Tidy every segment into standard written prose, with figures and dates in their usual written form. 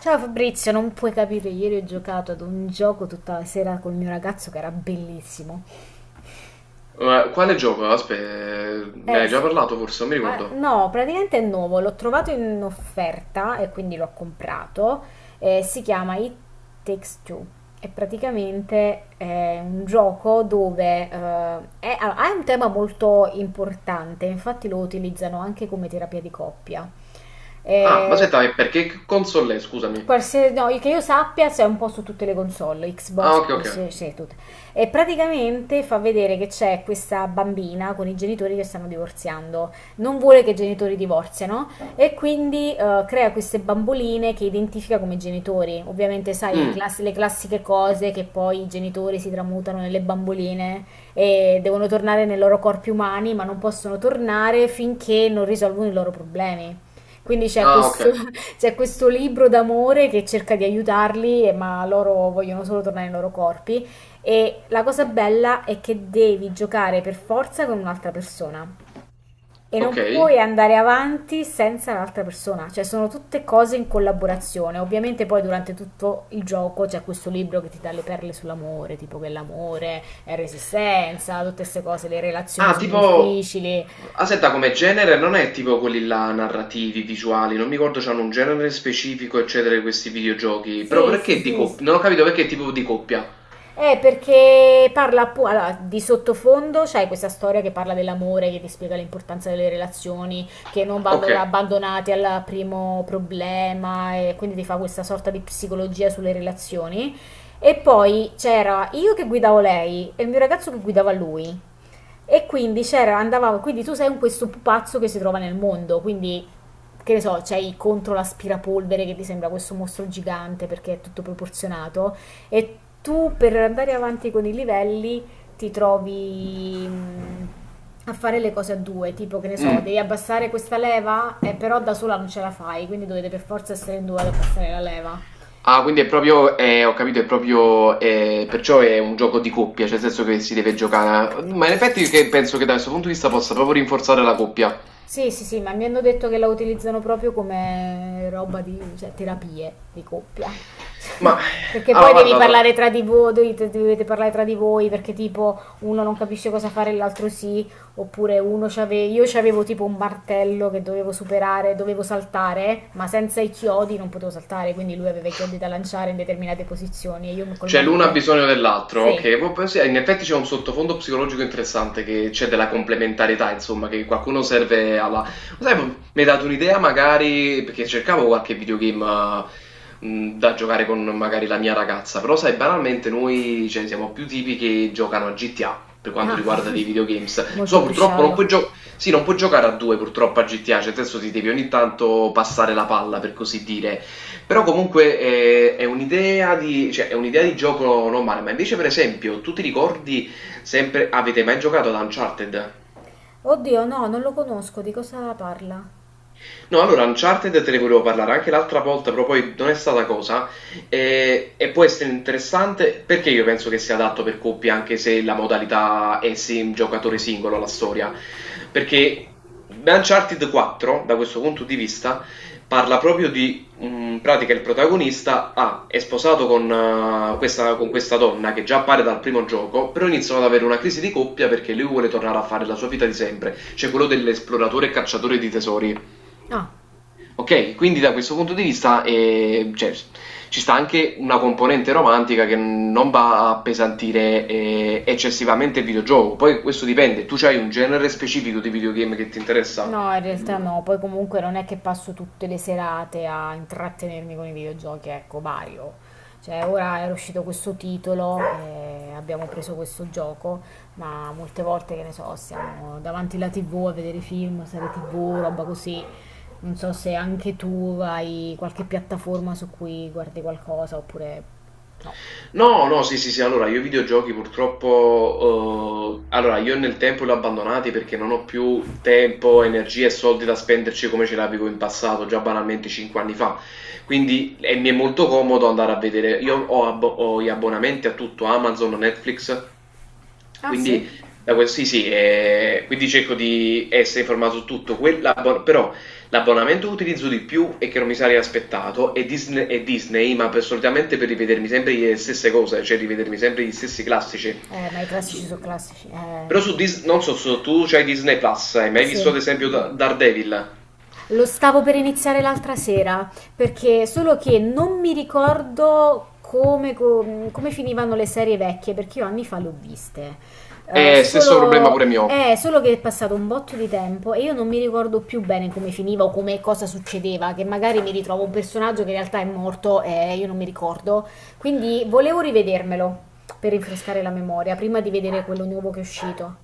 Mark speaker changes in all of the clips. Speaker 1: Ciao Fabrizio, non puoi capire, ieri ho giocato ad un gioco tutta la sera col mio ragazzo che era bellissimo.
Speaker 2: Ma quale gioco? Aspetta, me ne hai già
Speaker 1: Sì.
Speaker 2: parlato forse, non mi
Speaker 1: Ah,
Speaker 2: ricordo.
Speaker 1: no, praticamente è nuovo, l'ho trovato in offerta e quindi l'ho comprato. Si chiama It Takes Two. È praticamente un gioco dove allora, ha un tema molto importante, infatti lo utilizzano anche come terapia di coppia.
Speaker 2: Ah, ma
Speaker 1: Eh,
Speaker 2: aspetta, e perché che console è? Scusami.
Speaker 1: Qualsiasi, no, che io sappia c'è un po' su tutte le console,
Speaker 2: Ah,
Speaker 1: Xbox,
Speaker 2: ok, ok.
Speaker 1: PlayStation, tutte. E praticamente fa vedere che c'è questa bambina con i genitori che stanno divorziando. Non vuole che i genitori divorziano e quindi crea queste bamboline che identifica come genitori. Ovviamente, sai,
Speaker 2: Mm,
Speaker 1: le classiche cose che poi i genitori si tramutano nelle bamboline e devono tornare nei loro corpi umani, ma non possono tornare finché non risolvono i loro problemi. Quindi c'è
Speaker 2: ah,
Speaker 1: questo,
Speaker 2: ok,
Speaker 1: c'è questo libro d'amore che cerca di aiutarli, ma loro vogliono solo tornare nei loro corpi. E la cosa bella è che devi giocare per forza con un'altra persona e non
Speaker 2: ok.
Speaker 1: puoi andare avanti senza l'altra persona, cioè sono tutte cose in collaborazione. Ovviamente poi durante tutto il gioco c'è questo libro che ti dà le perle sull'amore, tipo che l'amore è resistenza, tutte queste cose, le relazioni
Speaker 2: Ah,
Speaker 1: sono
Speaker 2: tipo...
Speaker 1: difficili.
Speaker 2: Aspetta, come genere non è tipo quelli là narrativi, visuali, non mi ricordo, c'hanno un genere specifico, eccetera, di questi videogiochi. Però
Speaker 1: Sì, sì,
Speaker 2: perché di
Speaker 1: sì.
Speaker 2: coppia? Non ho capito perché tipo di coppia.
Speaker 1: Perché parla allora, di sottofondo, c'è questa storia che parla dell'amore, che ti spiega l'importanza delle relazioni, che non vanno
Speaker 2: Ok.
Speaker 1: abbandonate al primo problema, e quindi ti fa questa sorta di psicologia sulle relazioni. E poi c'era io che guidavo lei e il mio ragazzo che guidava lui. E quindi c'era, andavamo, quindi tu sei un questo pupazzo che si trova nel mondo, quindi che ne so, c'hai contro l'aspirapolvere che ti sembra questo mostro gigante perché è tutto proporzionato e tu per andare avanti con i livelli ti trovi a fare le cose a due, tipo che ne so,
Speaker 2: Mm.
Speaker 1: devi abbassare questa leva, però da sola non ce la fai, quindi dovete per forza essere in due ad abbassare la leva.
Speaker 2: Ah, quindi è proprio, ho capito, è proprio, perciò è un gioco di coppia, cioè nel senso che si deve giocare. Ma in effetti che penso che da questo punto di vista possa proprio rinforzare la coppia.
Speaker 1: Sì, sì, sì, ma mi hanno detto che la utilizzano proprio come roba di, cioè, terapie di coppia.
Speaker 2: Ma,
Speaker 1: Perché
Speaker 2: allora,
Speaker 1: poi devi
Speaker 2: guarda,
Speaker 1: parlare
Speaker 2: da-
Speaker 1: tra di voi, dovete parlare tra di voi, perché tipo uno non capisce cosa fare e l'altro sì, oppure io c'avevo tipo un martello che dovevo superare, dovevo saltare, ma senza i chiodi non potevo saltare, quindi lui aveva i chiodi da lanciare in determinate posizioni e io col
Speaker 2: Cioè l'uno ha
Speaker 1: martello...
Speaker 2: bisogno dell'altro,
Speaker 1: Sì,
Speaker 2: ok. Sì, in effetti c'è un sottofondo psicologico interessante che c'è della complementarietà, insomma, che qualcuno serve alla... Sai, mi hai dato un'idea magari, perché cercavo qualche videogame da giocare con magari la mia ragazza, però sai, banalmente noi cioè, siamo più tipi che giocano a GTA per quanto
Speaker 1: ah,
Speaker 2: riguarda dei videogames. Lo
Speaker 1: molto
Speaker 2: so,
Speaker 1: più
Speaker 2: purtroppo non puoi
Speaker 1: sciallo.
Speaker 2: giocare... Sì, non puoi giocare a due purtroppo a GTA, cioè adesso ti devi ogni tanto passare la palla, per così dire. Però comunque è un'idea di, cioè, è un'idea di gioco normale, ma invece per esempio, tu ti ricordi sempre, avete mai giocato ad Uncharted?
Speaker 1: Oddio, no, non lo conosco, di cosa parla?
Speaker 2: No, allora Uncharted te ne volevo parlare anche l'altra volta, però poi non è stata cosa. E può essere interessante perché io penso che sia adatto per coppie, anche se la modalità è sim giocatore singolo, la storia. Perché Uncharted 4, da questo punto di vista, parla proprio di in pratica il protagonista è sposato con, con questa donna che già appare dal primo gioco, però iniziano ad avere una crisi di coppia perché lui vuole tornare a fare la sua vita di sempre, cioè quello dell'esploratore e cacciatore di tesori.
Speaker 1: Ah,
Speaker 2: Ok, quindi da questo punto di vista cioè, ci sta anche una componente romantica che non va a appesantire eccessivamente il videogioco. Poi questo dipende, tu hai un genere specifico di videogame che ti interessa?
Speaker 1: no, in realtà no, poi comunque non è che passo tutte le serate a intrattenermi con i videogiochi, ecco, Mario. Cioè, ora era uscito questo titolo e abbiamo preso questo gioco, ma molte volte, che ne so, siamo davanti alla TV a vedere film, serie TV, roba così. Non so se anche tu hai qualche piattaforma su cui guardi qualcosa oppure no.
Speaker 2: No, no, sì, sì, sì, allora io i videogiochi purtroppo, allora io nel tempo li ho abbandonati perché non ho più tempo, energie e soldi da spenderci come ce l'avevo in passato, già banalmente 5 anni fa. Quindi e mi è molto comodo andare a vedere, io ho gli abbonamenti a tutto, Amazon, Netflix,
Speaker 1: Ah, sì?
Speaker 2: quindi, da quel- sì, sì, quindi cerco di essere informato su tutto, quella- però l'abbonamento che utilizzo di più e che non mi sarei aspettato è Disney, ma per- solitamente per rivedermi sempre le stesse cose, cioè rivedermi sempre gli stessi classici.
Speaker 1: Ma i
Speaker 2: Su-
Speaker 1: classici sono classici.
Speaker 2: però su Disney, non so se tu c'hai Disney Plus, hai mai visto
Speaker 1: Sì.
Speaker 2: ad esempio Daredevil?
Speaker 1: Lo stavo per iniziare l'altra sera, perché solo che non mi ricordo come, come finivano le serie vecchie, perché io anni fa le ho viste.
Speaker 2: È stesso problema
Speaker 1: Solo,
Speaker 2: pure mio.
Speaker 1: solo che è passato un botto di tempo e io non mi ricordo più bene come finiva o come cosa succedeva, che magari mi ritrovo un personaggio che in realtà è morto e io non mi ricordo. Quindi volevo rivedermelo per rinfrescare la memoria, prima di vedere quello nuovo che è uscito.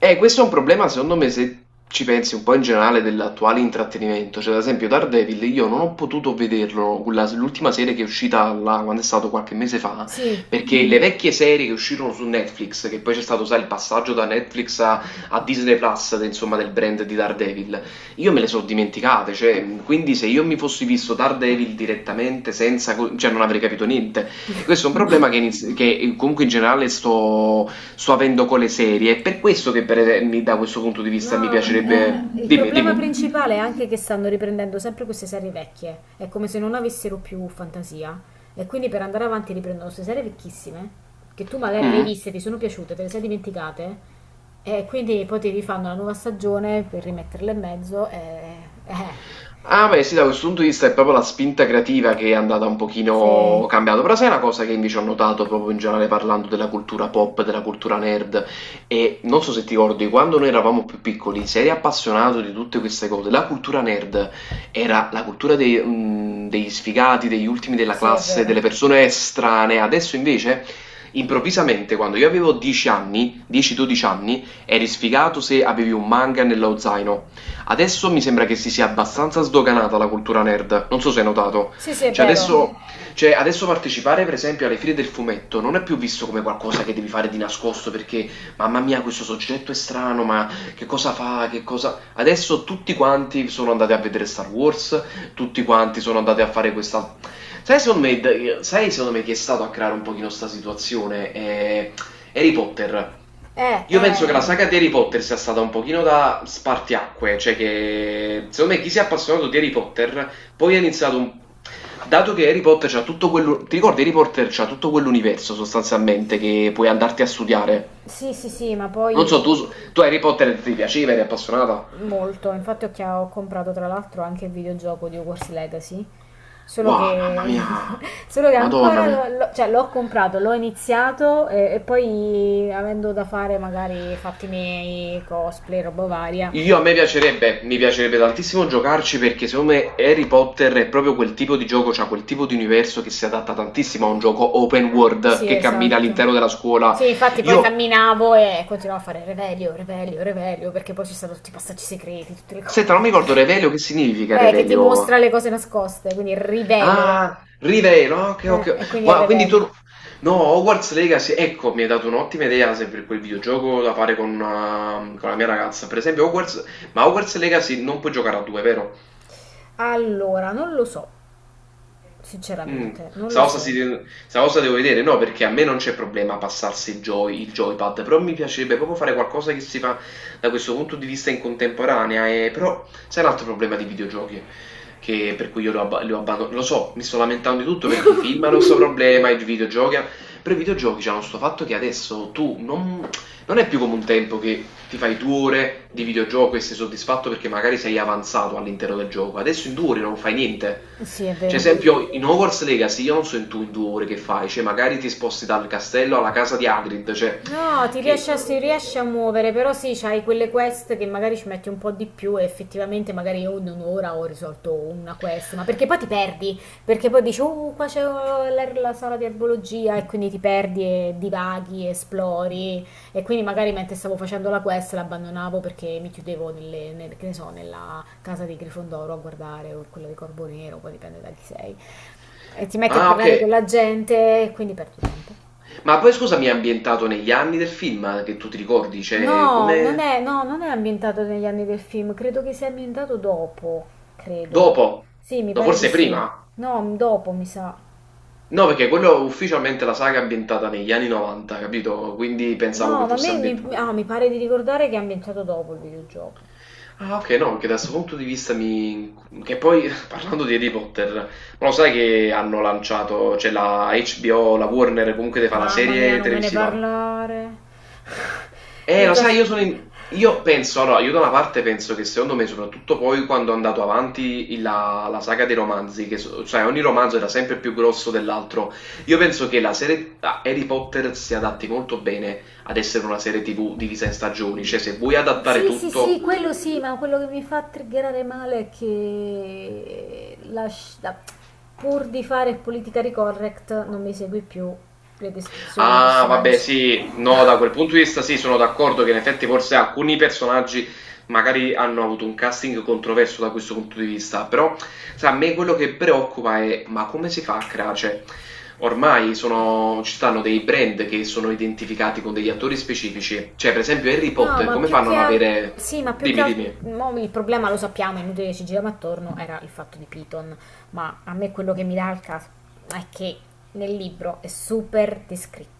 Speaker 2: Questo è un problema, secondo me, se ci pensi un po' in generale dell'attuale intrattenimento. Cioè, ad esempio, Daredevil, io non ho potuto vederlo, quella- l'ultima serie che è uscita là, quando è stato qualche mese fa,
Speaker 1: Sì.
Speaker 2: perché le vecchie serie che uscirono su Netflix, che poi c'è stato, sai, il passaggio da Netflix a Disney Plus, de- insomma, del brand di Daredevil, io me le sono dimenticate. Cioè, quindi se io mi fossi visto Daredevil direttamente, senza, co- cioè, non avrei capito niente. Questo è un problema che, iniz- che comunque in generale sto avendo con le serie. È per questo che per, mi- da questo punto di vista mi
Speaker 1: No, ma,
Speaker 2: piacerebbe...
Speaker 1: il
Speaker 2: Dimmi,
Speaker 1: problema
Speaker 2: dimmi.
Speaker 1: principale è anche che stanno riprendendo sempre queste serie vecchie. È come se non avessero più fantasia. E quindi per andare avanti riprendono queste serie vecchissime, che tu magari le hai
Speaker 2: Mm?
Speaker 1: viste, ti sono piaciute, te le sei dimenticate. E quindi poi ti rifanno la nuova stagione per rimetterle in mezzo. E... eh,
Speaker 2: Ah, beh, sì, da questo punto di vista è proprio la spinta creativa che è andata un
Speaker 1: sì,
Speaker 2: pochino cambiata, però sai una cosa che invece ho notato proprio in generale parlando della cultura pop, della cultura nerd, e non so se ti ricordi, quando noi eravamo più piccoli, se eri appassionato di tutte queste cose, la cultura nerd era la cultura dei, degli sfigati, degli ultimi della
Speaker 1: sì, è
Speaker 2: classe, delle
Speaker 1: vero.
Speaker 2: persone estranee, adesso invece... Improvvisamente, quando io avevo 10 anni, 10-12 anni, eri sfigato se avevi un manga nello zaino. Adesso mi sembra che si sia abbastanza sdoganata la cultura nerd, non so se hai notato.
Speaker 1: Sì, sì, è
Speaker 2: Cioè
Speaker 1: vero.
Speaker 2: adesso, cioè, adesso partecipare per esempio alle fiere del fumetto non è più visto come qualcosa che devi fare di nascosto perché mamma mia questo soggetto è strano, ma che cosa fa, che cosa... Adesso tutti quanti sono andati a vedere Star Wars, tutti quanti sono andati a fare questa... sai secondo me chi è stato a creare un pochino sta situazione? È Harry Potter.
Speaker 1: Eh,
Speaker 2: Io penso che la
Speaker 1: eh,
Speaker 2: saga di Harry Potter sia stata un pochino da spartiacque, cioè che secondo me chi si è appassionato di Harry Potter poi ha iniziato un... Dato che Harry Potter c'ha tutto quello... Ti ricordi Harry Potter c'ha tutto quell'universo sostanzialmente che puoi andarti a studiare.
Speaker 1: sì, sì, sì, ma
Speaker 2: Non
Speaker 1: poi
Speaker 2: so, tu Harry Potter ti piaceva, eri appassionata?
Speaker 1: molto. Infatti ho, ho comprato tra l'altro anche il videogioco di Hogwarts Legacy. Solo
Speaker 2: Wow, mamma
Speaker 1: che,
Speaker 2: mia,
Speaker 1: solo che
Speaker 2: madonna mia.
Speaker 1: cioè, l'ho comprato, l'ho iniziato e poi avendo da fare magari fatti miei, cosplay, roba varia.
Speaker 2: Io a me piacerebbe, mi piacerebbe tantissimo giocarci perché secondo me Harry Potter è proprio quel tipo di gioco, cioè quel tipo di universo che si adatta tantissimo a un gioco open world
Speaker 1: Sì,
Speaker 2: che cammina all'interno
Speaker 1: esatto.
Speaker 2: della scuola.
Speaker 1: Sì, infatti poi
Speaker 2: Io,
Speaker 1: camminavo e continuavo a fare Revelio, Revelio, Revelio, perché poi ci sono tutti i passaggi segreti, tutte le
Speaker 2: senta, non mi
Speaker 1: cose.
Speaker 2: ricordo Revelio, che significa
Speaker 1: Che ti mostra
Speaker 2: Revelio?
Speaker 1: le cose nascoste, quindi rivelo.
Speaker 2: Ah, Rivelo, ah, ok, ok.
Speaker 1: E quindi è
Speaker 2: Wow, quindi tu...
Speaker 1: Revelio.
Speaker 2: No, Hogwarts Legacy, ecco, mi hai dato un'ottima idea se per quel videogioco da fare con la mia ragazza. Per esempio Hogwarts... Ma Hogwarts Legacy non puoi giocare a due, vero?
Speaker 1: Allora, non lo so,
Speaker 2: Mm.
Speaker 1: sinceramente, non lo
Speaker 2: Sausa, si
Speaker 1: so.
Speaker 2: deve- Sausa devo vedere, no, perché a me non c'è problema passarsi il joypad, però mi piacerebbe proprio fare qualcosa che si fa da questo punto di vista in contemporanea, e... però sai un altro problema di videogiochi, che per cui io lo abbandono, lo so, mi sto lamentando di tutto perché i film hanno questo problema, i videogiochi, hanno- però i videogiochi hanno questo fatto che adesso tu non, non è più come un tempo che ti fai 2 ore di videogioco e sei soddisfatto perché magari sei avanzato all'interno del gioco. Adesso in 2 ore non fai niente.
Speaker 1: Sì, è
Speaker 2: Cioè,
Speaker 1: vero.
Speaker 2: esempio, in Hogwarts Legacy io non so in tu in 2 ore che fai, cioè magari ti sposti dal castello alla casa di Hagrid, cioè
Speaker 1: No, ti
Speaker 2: che...
Speaker 1: riesci a, si riesce a muovere, però sì, c'hai quelle quest che magari ci metti un po' di più e effettivamente magari io in un'ora ho risolto una quest, ma perché poi ti perdi, perché poi dici, oh, qua c'è la, la sala di erbologia e quindi ti perdi e divaghi, esplori e quindi magari mentre stavo facendo la quest l'abbandonavo perché mi chiudevo che ne so, nella casa di Grifondoro a guardare o quella di Corvo Nero, poi dipende da chi sei, e ti metti a
Speaker 2: Ah, ok.
Speaker 1: parlare con la gente e quindi perdi tempo.
Speaker 2: Ma poi scusami, è ambientato negli anni del film che tu ti ricordi, cioè
Speaker 1: No, non
Speaker 2: come...
Speaker 1: è, no, non è ambientato negli anni del film, credo che sia ambientato dopo, credo.
Speaker 2: Dopo?
Speaker 1: Sì, mi
Speaker 2: No,
Speaker 1: pare di
Speaker 2: forse
Speaker 1: sì.
Speaker 2: prima?
Speaker 1: No, dopo mi sa.
Speaker 2: No, perché quello ufficialmente la saga è ambientata negli anni 90, capito? Quindi
Speaker 1: No,
Speaker 2: pensavo che
Speaker 1: ma a
Speaker 2: fosse
Speaker 1: me mi,
Speaker 2: ambientata.
Speaker 1: ah, mi pare di ricordare che è ambientato dopo il videogioco.
Speaker 2: Ah, okay, no, che da 'sto punto di vista mi che poi parlando di Harry Potter, ma lo sai che hanno lanciato cioè la HBO, la Warner comunque te fa la
Speaker 1: Mamma mia,
Speaker 2: serie
Speaker 1: non me ne
Speaker 2: televisiva?
Speaker 1: parlare.
Speaker 2: Eh,
Speaker 1: Io
Speaker 2: lo
Speaker 1: già...
Speaker 2: sai, io sono in- io penso, allora, io da una parte penso che secondo me, soprattutto poi quando è andato avanti la saga dei romanzi, che so- cioè ogni romanzo era sempre più grosso dell'altro, io penso che la serie a Harry Potter si adatti molto bene ad essere una serie TV divisa in stagioni, cioè se vuoi adattare
Speaker 1: Sì, sì,
Speaker 2: tutto,
Speaker 1: sì, quello sì, ma quello che mi fa triggerare male è che pur di fare politically correct non mi segui più le descrizioni dei
Speaker 2: ah vabbè
Speaker 1: personaggi.
Speaker 2: sì, no, da quel punto di vista sì, sono d'accordo che in effetti forse alcuni personaggi magari hanno avuto un casting controverso da questo punto di vista, però sai, a me quello che preoccupa è ma come si fa a creare, cioè ormai sono- ci stanno dei brand che sono identificati con degli attori specifici, cioè per esempio Harry
Speaker 1: No,
Speaker 2: Potter,
Speaker 1: ma
Speaker 2: come
Speaker 1: più
Speaker 2: fanno a
Speaker 1: che
Speaker 2: non
Speaker 1: al-
Speaker 2: avere...
Speaker 1: sì, ma più che
Speaker 2: Dimmi,
Speaker 1: altro
Speaker 2: dimmi.
Speaker 1: il problema lo sappiamo, è inutile che ci giriamo attorno, era il fatto di Piton, ma a me quello che mi dà il caso è che nel libro è super descritto.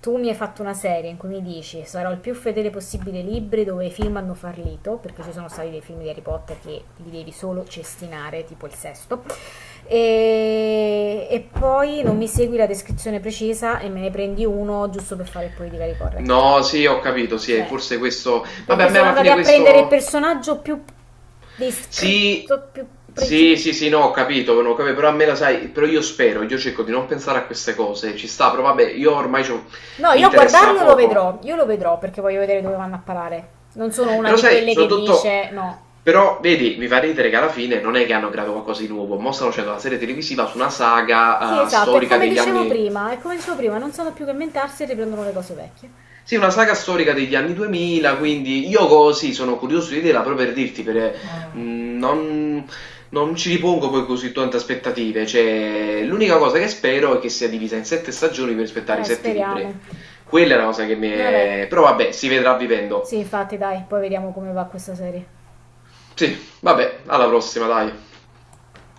Speaker 1: Tu mi hai fatto una serie in cui mi dici sarò il più fedele possibile ai libri dove i film hanno fallito, perché ci sono stati dei film di Harry Potter che li devi solo cestinare, tipo il sesto. E poi non mi segui la descrizione precisa e me ne prendi uno giusto per fare politica correct.
Speaker 2: No, sì, ho capito, sì,
Speaker 1: Cioè,
Speaker 2: forse questo... Vabbè, a
Speaker 1: perché
Speaker 2: me
Speaker 1: sono
Speaker 2: alla
Speaker 1: andati
Speaker 2: fine
Speaker 1: a prendere il
Speaker 2: questo...
Speaker 1: personaggio più
Speaker 2: Sì,
Speaker 1: descritto, più
Speaker 2: sì,
Speaker 1: preciso.
Speaker 2: sì, sì, no, ho capito, no, ho capito, però a me la sai, però io spero, io cerco di non pensare a queste cose, ci sta, però vabbè, io ormai c'ho-
Speaker 1: No,
Speaker 2: mi
Speaker 1: io a
Speaker 2: interessa
Speaker 1: guardarlo lo
Speaker 2: poco.
Speaker 1: vedrò, io lo vedrò perché voglio vedere dove vanno a parare. Non sono una
Speaker 2: Però
Speaker 1: di
Speaker 2: sai,
Speaker 1: quelle che
Speaker 2: soprattutto,
Speaker 1: dice no.
Speaker 2: però vedi, mi fa ridere che alla fine non è che hanno creato qualcosa di nuovo, mo stanno facendo la serie televisiva su una
Speaker 1: Sì,
Speaker 2: saga
Speaker 1: esatto, è
Speaker 2: storica
Speaker 1: come
Speaker 2: degli
Speaker 1: dicevo
Speaker 2: anni.
Speaker 1: prima, è come dicevo prima, non sanno più che inventarsi e riprendono le cose vecchie.
Speaker 2: Sì, una saga storica degli anni 2000, quindi io così sono curioso di vederla proprio per dirti, perché mh, non, non ci ripongo poi così tante aspettative, cioè l'unica cosa che spero è che sia divisa in sette stagioni per aspettare i sette
Speaker 1: Speriamo.
Speaker 2: libri. Quella è una cosa che mi
Speaker 1: Vabbè,
Speaker 2: è... però vabbè, si vedrà vivendo.
Speaker 1: sì, infatti, dai, poi vediamo come va questa serie.
Speaker 2: Sì, vabbè, alla prossima, dai.